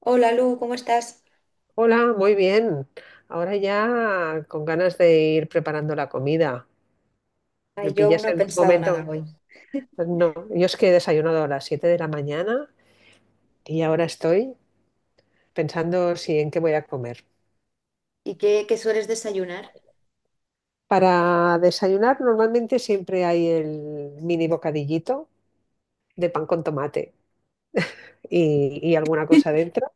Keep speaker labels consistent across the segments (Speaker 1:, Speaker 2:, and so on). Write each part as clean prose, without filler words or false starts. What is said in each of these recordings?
Speaker 1: Hola Lu, ¿cómo estás?
Speaker 2: Hola, muy bien. Ahora ya con ganas de ir preparando la comida. Me
Speaker 1: Ay, yo aún
Speaker 2: pillas
Speaker 1: no he
Speaker 2: en un
Speaker 1: pensado nada
Speaker 2: momento.
Speaker 1: hoy.
Speaker 2: No, yo es que he desayunado a las 7 de la mañana y ahora estoy pensando si en qué voy a comer.
Speaker 1: ¿Y qué sueles desayunar?
Speaker 2: Para desayunar normalmente siempre hay el mini bocadillito de pan con tomate y alguna cosa dentro.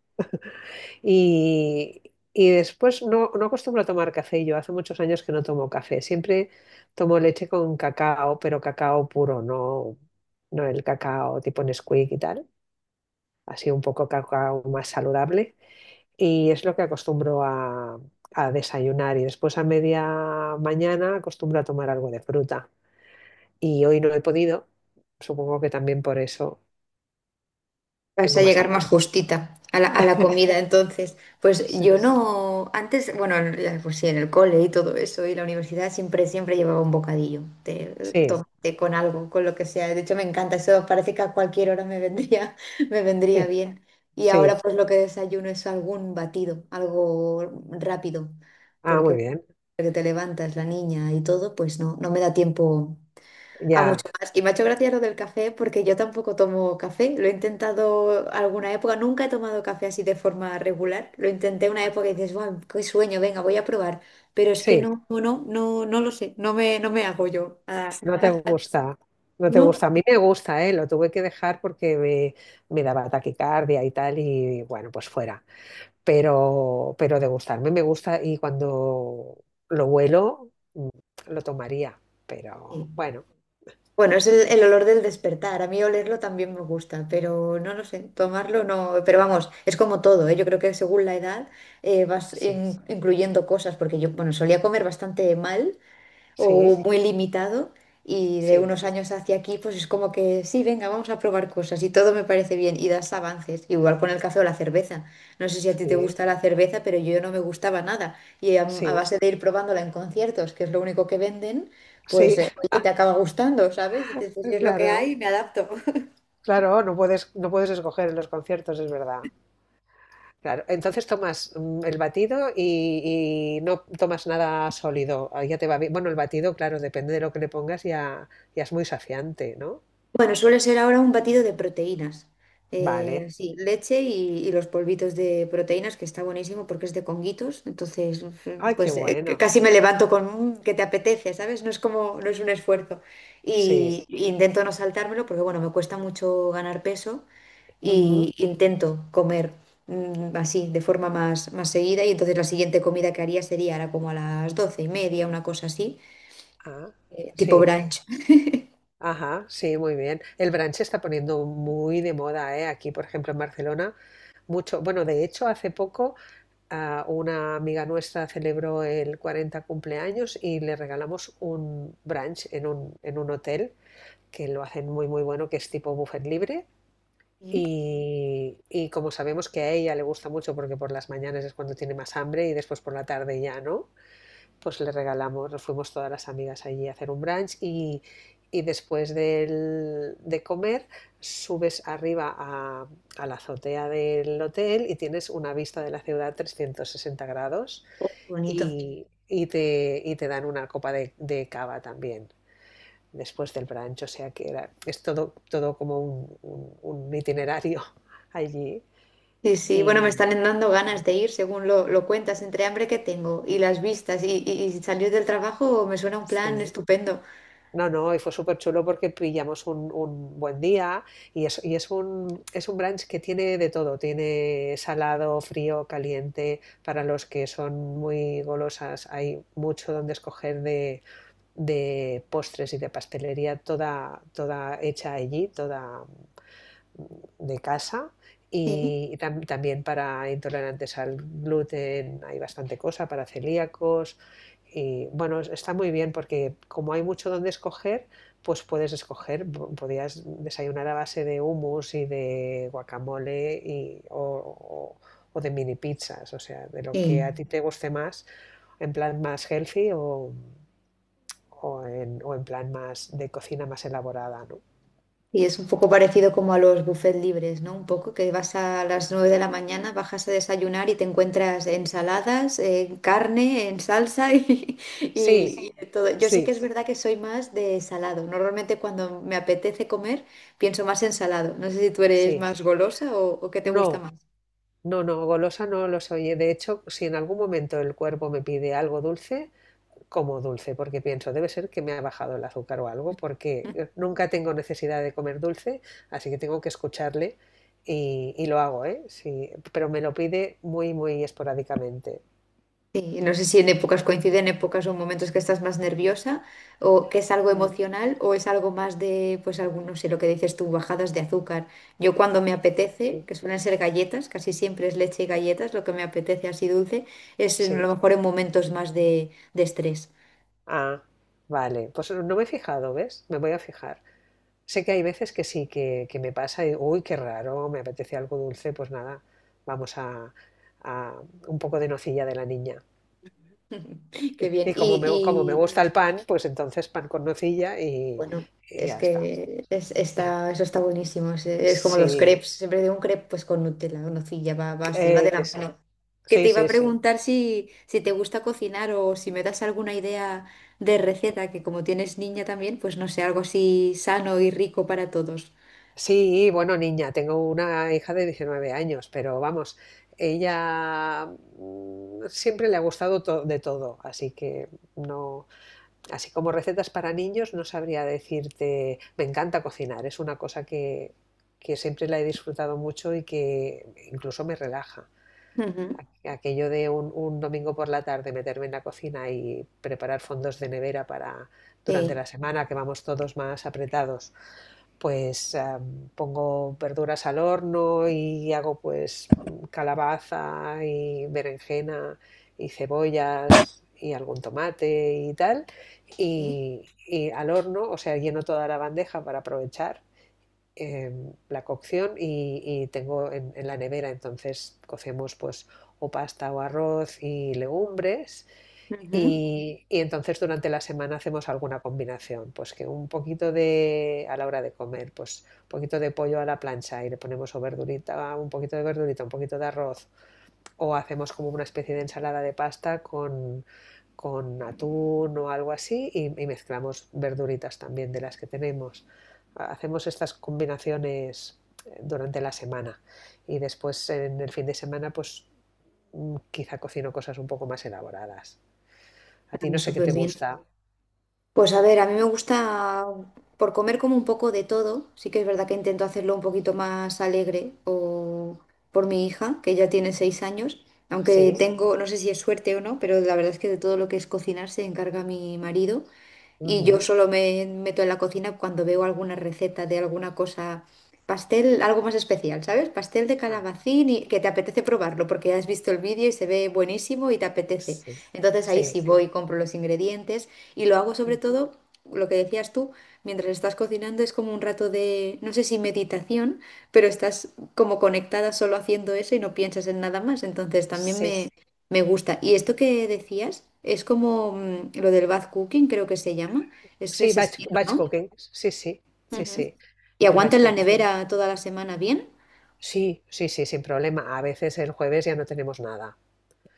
Speaker 2: Y, y después no acostumbro a tomar café yo, hace muchos años que no tomo café, siempre tomo leche con cacao, pero cacao puro, no el cacao tipo Nesquik y tal, así un poco cacao más saludable y es lo que acostumbro a desayunar y después a media mañana acostumbro a tomar algo de fruta y hoy no he podido, supongo que también por eso
Speaker 1: Vas
Speaker 2: tengo
Speaker 1: a
Speaker 2: más
Speaker 1: llegar más
Speaker 2: hambre.
Speaker 1: justita a la comida, entonces. Pues yo
Speaker 2: Seguro.
Speaker 1: no, antes, bueno, pues sí, en el cole y todo eso, y la universidad siempre llevaba un bocadillo de
Speaker 2: Sí,
Speaker 1: tomate con algo, con lo que sea. De hecho, me encanta eso, parece que a cualquier hora me vendría, me vendría
Speaker 2: sí,
Speaker 1: bien. Y ahora
Speaker 2: sí.
Speaker 1: pues lo que desayuno es algún batido, algo rápido,
Speaker 2: Ah,
Speaker 1: porque
Speaker 2: muy bien,
Speaker 1: que te levantas, la niña y todo, pues no me da tiempo a
Speaker 2: ya,
Speaker 1: mucho más. Y me ha hecho gracia lo del café porque yo tampoco tomo café. Lo he intentado alguna época. Nunca he tomado café así de forma regular. Lo intenté una época y dices, wow, qué sueño, venga, voy a probar. Pero es que
Speaker 2: sí.
Speaker 1: no, no, no, no, no lo sé. No me hago yo. Ah,
Speaker 2: No te gusta, no te
Speaker 1: no.
Speaker 2: gusta. A mí me gusta, ¿eh? Lo tuve que dejar porque me daba taquicardia y tal, y bueno, pues fuera. Pero de gustarme me gusta y cuando lo huelo, lo tomaría.
Speaker 1: Sí.
Speaker 2: Pero bueno,
Speaker 1: Bueno, es el olor del despertar. A mí olerlo también me gusta, pero no lo sé. Tomarlo no. Pero vamos, es como todo, ¿eh? Yo creo que según la edad vas
Speaker 2: sí,
Speaker 1: incluyendo cosas porque yo, bueno, solía comer bastante mal. O
Speaker 2: sí,
Speaker 1: muy limitado y de
Speaker 2: sí,
Speaker 1: unos años hacia aquí pues es como que sí, venga, vamos a probar cosas y todo me parece bien y das avances, igual con el café o la cerveza. No sé si a ti te
Speaker 2: sí,
Speaker 1: gusta la cerveza, pero yo no me gustaba nada y a
Speaker 2: sí,
Speaker 1: base de ir probándola en conciertos, que es lo único que venden, pues
Speaker 2: sí,
Speaker 1: oye, te acaba gustando, ¿sabes? Dices, pues si es lo que
Speaker 2: claro,
Speaker 1: hay, me adapto.
Speaker 2: claro, no puedes escoger en los conciertos, es verdad. Claro, entonces tomas el batido y no tomas nada sólido. Ah, ya te va bien. Bueno, el batido, claro, depende de lo que le pongas, ya, ya es muy saciante, ¿no?
Speaker 1: Bueno, suele ser ahora un batido de proteínas. Vale.
Speaker 2: Vale.
Speaker 1: Sí, leche y los polvitos de proteínas, que está buenísimo porque es de conguitos. Entonces,
Speaker 2: Ay, qué
Speaker 1: pues
Speaker 2: bueno.
Speaker 1: casi me levanto con un que te apetece, ¿sabes? No es como, no es un esfuerzo.
Speaker 2: Sí.
Speaker 1: Y intento no saltármelo porque, bueno, me cuesta mucho ganar peso
Speaker 2: Ujú.
Speaker 1: y intento comer así, de forma más seguida. Y entonces la siguiente comida que haría sería ahora como a las doce y media, una cosa así,
Speaker 2: Ah,
Speaker 1: tipo
Speaker 2: sí.
Speaker 1: brunch.
Speaker 2: Ajá, sí, muy bien. El brunch se está poniendo muy de moda, ¿eh? Aquí, por ejemplo, en Barcelona, mucho. Bueno, de hecho, hace poco una amiga nuestra celebró el 40 cumpleaños y le regalamos un brunch en un hotel que lo hacen muy, muy bueno, que es tipo buffet libre.
Speaker 1: Mm,
Speaker 2: Y como sabemos que a ella le gusta mucho porque por las mañanas es cuando tiene más hambre y después por la tarde ya no, pues le regalamos, nos fuimos todas las amigas allí a hacer un brunch y después del- de comer subes arriba a la azotea del hotel y tienes una vista de la ciudad 360 grados
Speaker 1: oh, qué bonito.
Speaker 2: y te dan una copa de cava también después del brunch, o sea que era, es todo, todo como un itinerario allí.
Speaker 1: Sí, sí, bueno, me
Speaker 2: Y
Speaker 1: están dando ganas de ir, según lo cuentas, entre hambre que tengo y las vistas y salir del trabajo me suena un plan
Speaker 2: sí,
Speaker 1: estupendo.
Speaker 2: no, no, y fue súper chulo porque pillamos un buen día y es un brunch que tiene de todo, tiene salado, frío, caliente, para los que son muy golosas, hay mucho donde escoger de postres y de pastelería, toda, toda hecha allí, toda de casa
Speaker 1: Sí,
Speaker 2: y también para intolerantes al gluten hay bastante cosa, para celíacos. Y bueno, está muy bien porque como hay mucho donde escoger, pues puedes escoger, po- podías desayunar a base de hummus y de guacamole y, o- o de mini pizzas, o sea, de lo que
Speaker 1: sí.
Speaker 2: a ti te guste más, en plan más healthy o en plan más de cocina más elaborada, ¿no?
Speaker 1: Y es un poco parecido como a los buffets libres, ¿no? Un poco que vas a las 9 de la mañana, bajas a desayunar y te encuentras ensaladas, carne, en salsa y,
Speaker 2: Sí,
Speaker 1: y- y de todo. Yo sí que es
Speaker 2: sí,
Speaker 1: verdad que soy más de salado. Normalmente cuando me apetece comer pienso más en salado. No sé si tú eres
Speaker 2: sí.
Speaker 1: más golosa o qué te
Speaker 2: No,
Speaker 1: gusta más.
Speaker 2: no, no, golosa no lo soy. De hecho, si en algún momento el cuerpo me pide algo dulce, como dulce, porque pienso, debe ser que me ha bajado el azúcar o algo, porque nunca tengo necesidad de comer dulce, así que tengo que escucharle y lo hago, ¿eh? Sí, pero me lo pide muy, muy esporádicamente.
Speaker 1: Sí, no sé si en épocas coinciden épocas o momentos que estás más nerviosa o que es algo
Speaker 2: Mm,
Speaker 1: emocional o es algo más de, pues algún, no sé, lo que dices tú, bajadas de azúcar. Yo cuando me apetece,
Speaker 2: sí,
Speaker 1: que suelen ser galletas, casi siempre es leche y galletas, lo que me apetece así dulce, es a lo
Speaker 2: sí.
Speaker 1: mejor en momentos más de estrés.
Speaker 2: Ah, vale. Pues no me he fijado, ¿ves? Me voy a fijar. Sé que hay veces que sí, que me pasa y digo, uy, qué raro, me apetece algo dulce, pues nada, vamos a un poco de nocilla de la niña.
Speaker 1: Qué bien.
Speaker 2: Y como me
Speaker 1: Y,
Speaker 2: gusta el pan, pues entonces pan con nocilla y,
Speaker 1: bueno,
Speaker 2: y
Speaker 1: es
Speaker 2: ya está.
Speaker 1: que es, está, eso está buenísimo. Es como los
Speaker 2: Sí,
Speaker 1: crepes. Siempre digo un crepe pues con Nutella, o nocilla, va así, va de la
Speaker 2: eso.
Speaker 1: mano. Que te
Speaker 2: Sí,
Speaker 1: iba a
Speaker 2: sí, sí.
Speaker 1: preguntar si te gusta cocinar o si me das alguna idea de receta, que como tienes niña también, pues no sé, algo así sano y rico para todos.
Speaker 2: Sí, bueno, niña, tengo una hija de 19 años, pero vamos, ella siempre le ha gustado to- de todo, así que no, así como recetas para niños, no sabría decirte, me encanta cocinar, es una cosa que siempre la he disfrutado mucho y que incluso me relaja.
Speaker 1: Ujú.
Speaker 2: Aquello de un domingo por la tarde meterme en la cocina y preparar fondos de nevera para durante
Speaker 1: Sí,
Speaker 2: la semana que vamos todos más apretados pues pongo verduras al horno y hago pues calabaza y berenjena y cebollas y algún tomate y tal.
Speaker 1: sí.
Speaker 2: Y al horno, o sea, lleno toda la bandeja para aprovechar la cocción y tengo en, la nevera, entonces cocemos pues o pasta o arroz y legumbres
Speaker 1: Ujú.
Speaker 2: y entonces durante la semana hacemos alguna combinación, pues que un poquito de, a la hora de comer, pues un poquito de pollo a la plancha y le ponemos o verdurita, un poquito de verdurita, un poquito de arroz, o hacemos como una especie de ensalada de pasta con atún o algo así y mezclamos verduritas también de las que tenemos. Hacemos estas combinaciones durante la semana y después en el fin de semana pues quizá cocino cosas un poco más elaboradas. A ti
Speaker 1: Ah,
Speaker 2: no sé qué
Speaker 1: súper
Speaker 2: te
Speaker 1: bien.
Speaker 2: gusta.
Speaker 1: Pues a ver, a mí me gusta por comer como un poco de todo. Sí que es verdad que intento hacerlo un poquito más alegre o por mi hija, que ya tiene 6 años. Aunque
Speaker 2: Sí.
Speaker 1: tengo, no sé si es suerte o no, pero la verdad es que de todo lo que es cocinar se encarga mi marido. Y yo
Speaker 2: Ujú.
Speaker 1: solo me meto en la cocina cuando veo alguna receta de alguna cosa, pastel, algo más especial, ¿sabes? Pastel de
Speaker 2: Ah,
Speaker 1: calabacín y que te apetece probarlo porque has visto el vídeo y se ve buenísimo y te apetece.
Speaker 2: sí.
Speaker 1: Entonces ahí
Speaker 2: Sí.
Speaker 1: sí voy, compro los ingredientes y lo hago sobre
Speaker 2: Ujú.
Speaker 1: todo, lo que decías tú, mientras estás cocinando es como un rato de, no sé si meditación, pero estás como conectada solo haciendo eso y no piensas en nada más. Entonces también
Speaker 2: Sí.
Speaker 1: me gusta. Y esto que decías es como lo del bath cooking, creo que se llama. Es
Speaker 2: Sí,
Speaker 1: ese
Speaker 2: batch,
Speaker 1: estilo,
Speaker 2: batch
Speaker 1: ¿no?
Speaker 2: cooking. Sí, sí. Sí,
Speaker 1: Ujú.
Speaker 2: sí.
Speaker 1: Y
Speaker 2: El
Speaker 1: aguanta
Speaker 2: batch
Speaker 1: en la
Speaker 2: cooking.
Speaker 1: nevera toda la semana bien.
Speaker 2: Sí, sí, sí, sin problema. A veces el jueves ya no tenemos nada.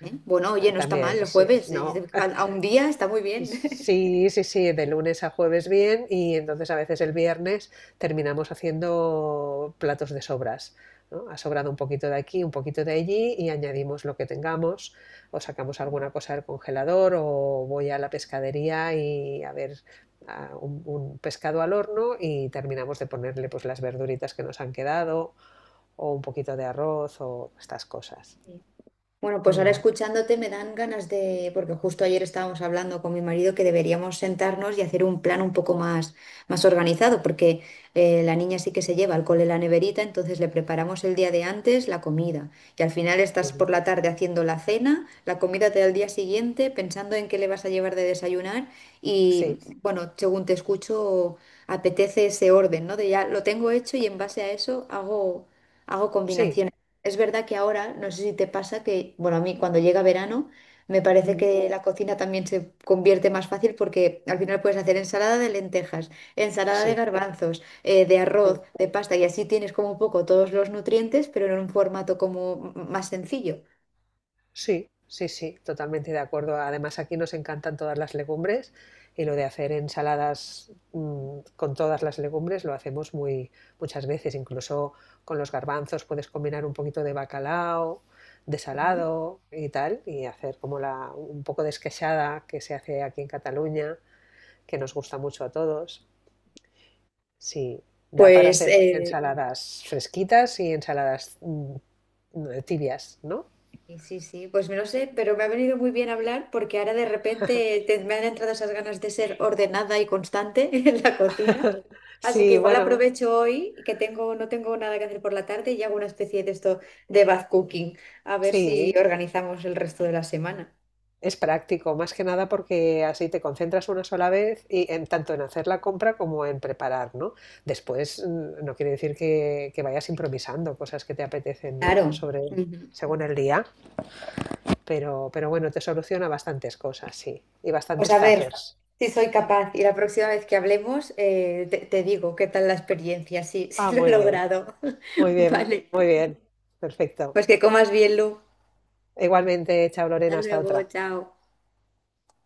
Speaker 1: ¿Eh? Bueno, oye, no está mal
Speaker 2: También,
Speaker 1: el
Speaker 2: sí.
Speaker 1: jueves.
Speaker 2: No,
Speaker 1: A un día está muy bien.
Speaker 2: sí, sí, sí, de lunes a jueves bien y entonces a veces el viernes terminamos haciendo platos de sobras, ¿no? Ha sobrado un poquito de aquí, un poquito de allí y añadimos lo que tengamos o sacamos alguna cosa del congelador o voy a la pescadería y a ver a un pescado al horno y terminamos de ponerle pues las verduritas que nos han quedado o un poquito de arroz o estas cosas.
Speaker 1: Bueno, pues ahora
Speaker 2: Mm,
Speaker 1: escuchándote me dan ganas de, porque justo ayer estábamos hablando con mi marido que deberíamos sentarnos y hacer un plan un poco más organizado, porque la niña sí que se lleva al cole la neverita, entonces le preparamos el día de antes la comida y al final estás
Speaker 2: mm,
Speaker 1: por la tarde haciendo la cena, la comida te da el día siguiente pensando en qué le vas a llevar de desayunar y
Speaker 2: sí,
Speaker 1: bueno, según te escucho, apetece ese orden, ¿no? De ya lo tengo hecho y en base a eso hago
Speaker 2: sí,
Speaker 1: combinaciones. Es verdad que ahora, no sé si te pasa que, bueno, a mí cuando llega verano me parece
Speaker 2: mm,
Speaker 1: que la cocina también se convierte más fácil porque al final puedes hacer ensalada de lentejas, ensalada de
Speaker 2: sí,
Speaker 1: garbanzos, de arroz,
Speaker 2: sí.
Speaker 1: de pasta y así tienes como un poco todos los nutrientes, pero en un formato como más sencillo.
Speaker 2: Sí, sí, sí, totalmente de acuerdo. Además, aquí nos encantan todas las legumbres y lo de hacer ensaladas con todas las legumbres lo hacemos muy muchas veces. Incluso con los garbanzos puedes combinar un poquito de bacalao, de
Speaker 1: Ujú.
Speaker 2: salado y tal, y hacer como la, un poco de esqueixada que se hace aquí en Cataluña, que nos gusta mucho a todos. Sí, da para
Speaker 1: Pues
Speaker 2: hacer
Speaker 1: eh,
Speaker 2: ensaladas fresquitas y ensaladas tibias, ¿no?
Speaker 1: y sí, sí, pues me lo sé, pero me ha venido muy bien hablar porque ahora de repente me han entrado esas ganas de ser ordenada y constante en la cocina. Así que
Speaker 2: Sí,
Speaker 1: igual
Speaker 2: bueno,
Speaker 1: aprovecho hoy que no tengo nada que hacer por la tarde y hago una especie de esto de bath cooking, a ver si
Speaker 2: sí,
Speaker 1: organizamos el resto de la semana.
Speaker 2: es práctico, más que nada porque así te concentras una sola vez y en tanto en hacer la compra como en preparar, ¿no? Después no quiere decir que vayas improvisando cosas que te apetecen, ¿no?
Speaker 1: Claro.
Speaker 2: Sobre
Speaker 1: Ujú.
Speaker 2: según el día, pero bueno, te soluciona bastantes cosas, sí, y
Speaker 1: Pues
Speaker 2: bastantes
Speaker 1: a ver
Speaker 2: tuppers.
Speaker 1: si soy capaz y la próxima vez que hablemos te digo qué tal la experiencia, sí,
Speaker 2: Ah,
Speaker 1: sí lo he
Speaker 2: muy bien,
Speaker 1: logrado.
Speaker 2: muy bien,
Speaker 1: Vale,
Speaker 2: muy bien. Perfecto.
Speaker 1: pues que comas bien, Lu.
Speaker 2: Igualmente, chao
Speaker 1: Hasta
Speaker 2: Lorena, hasta
Speaker 1: luego,
Speaker 2: otra.
Speaker 1: chao.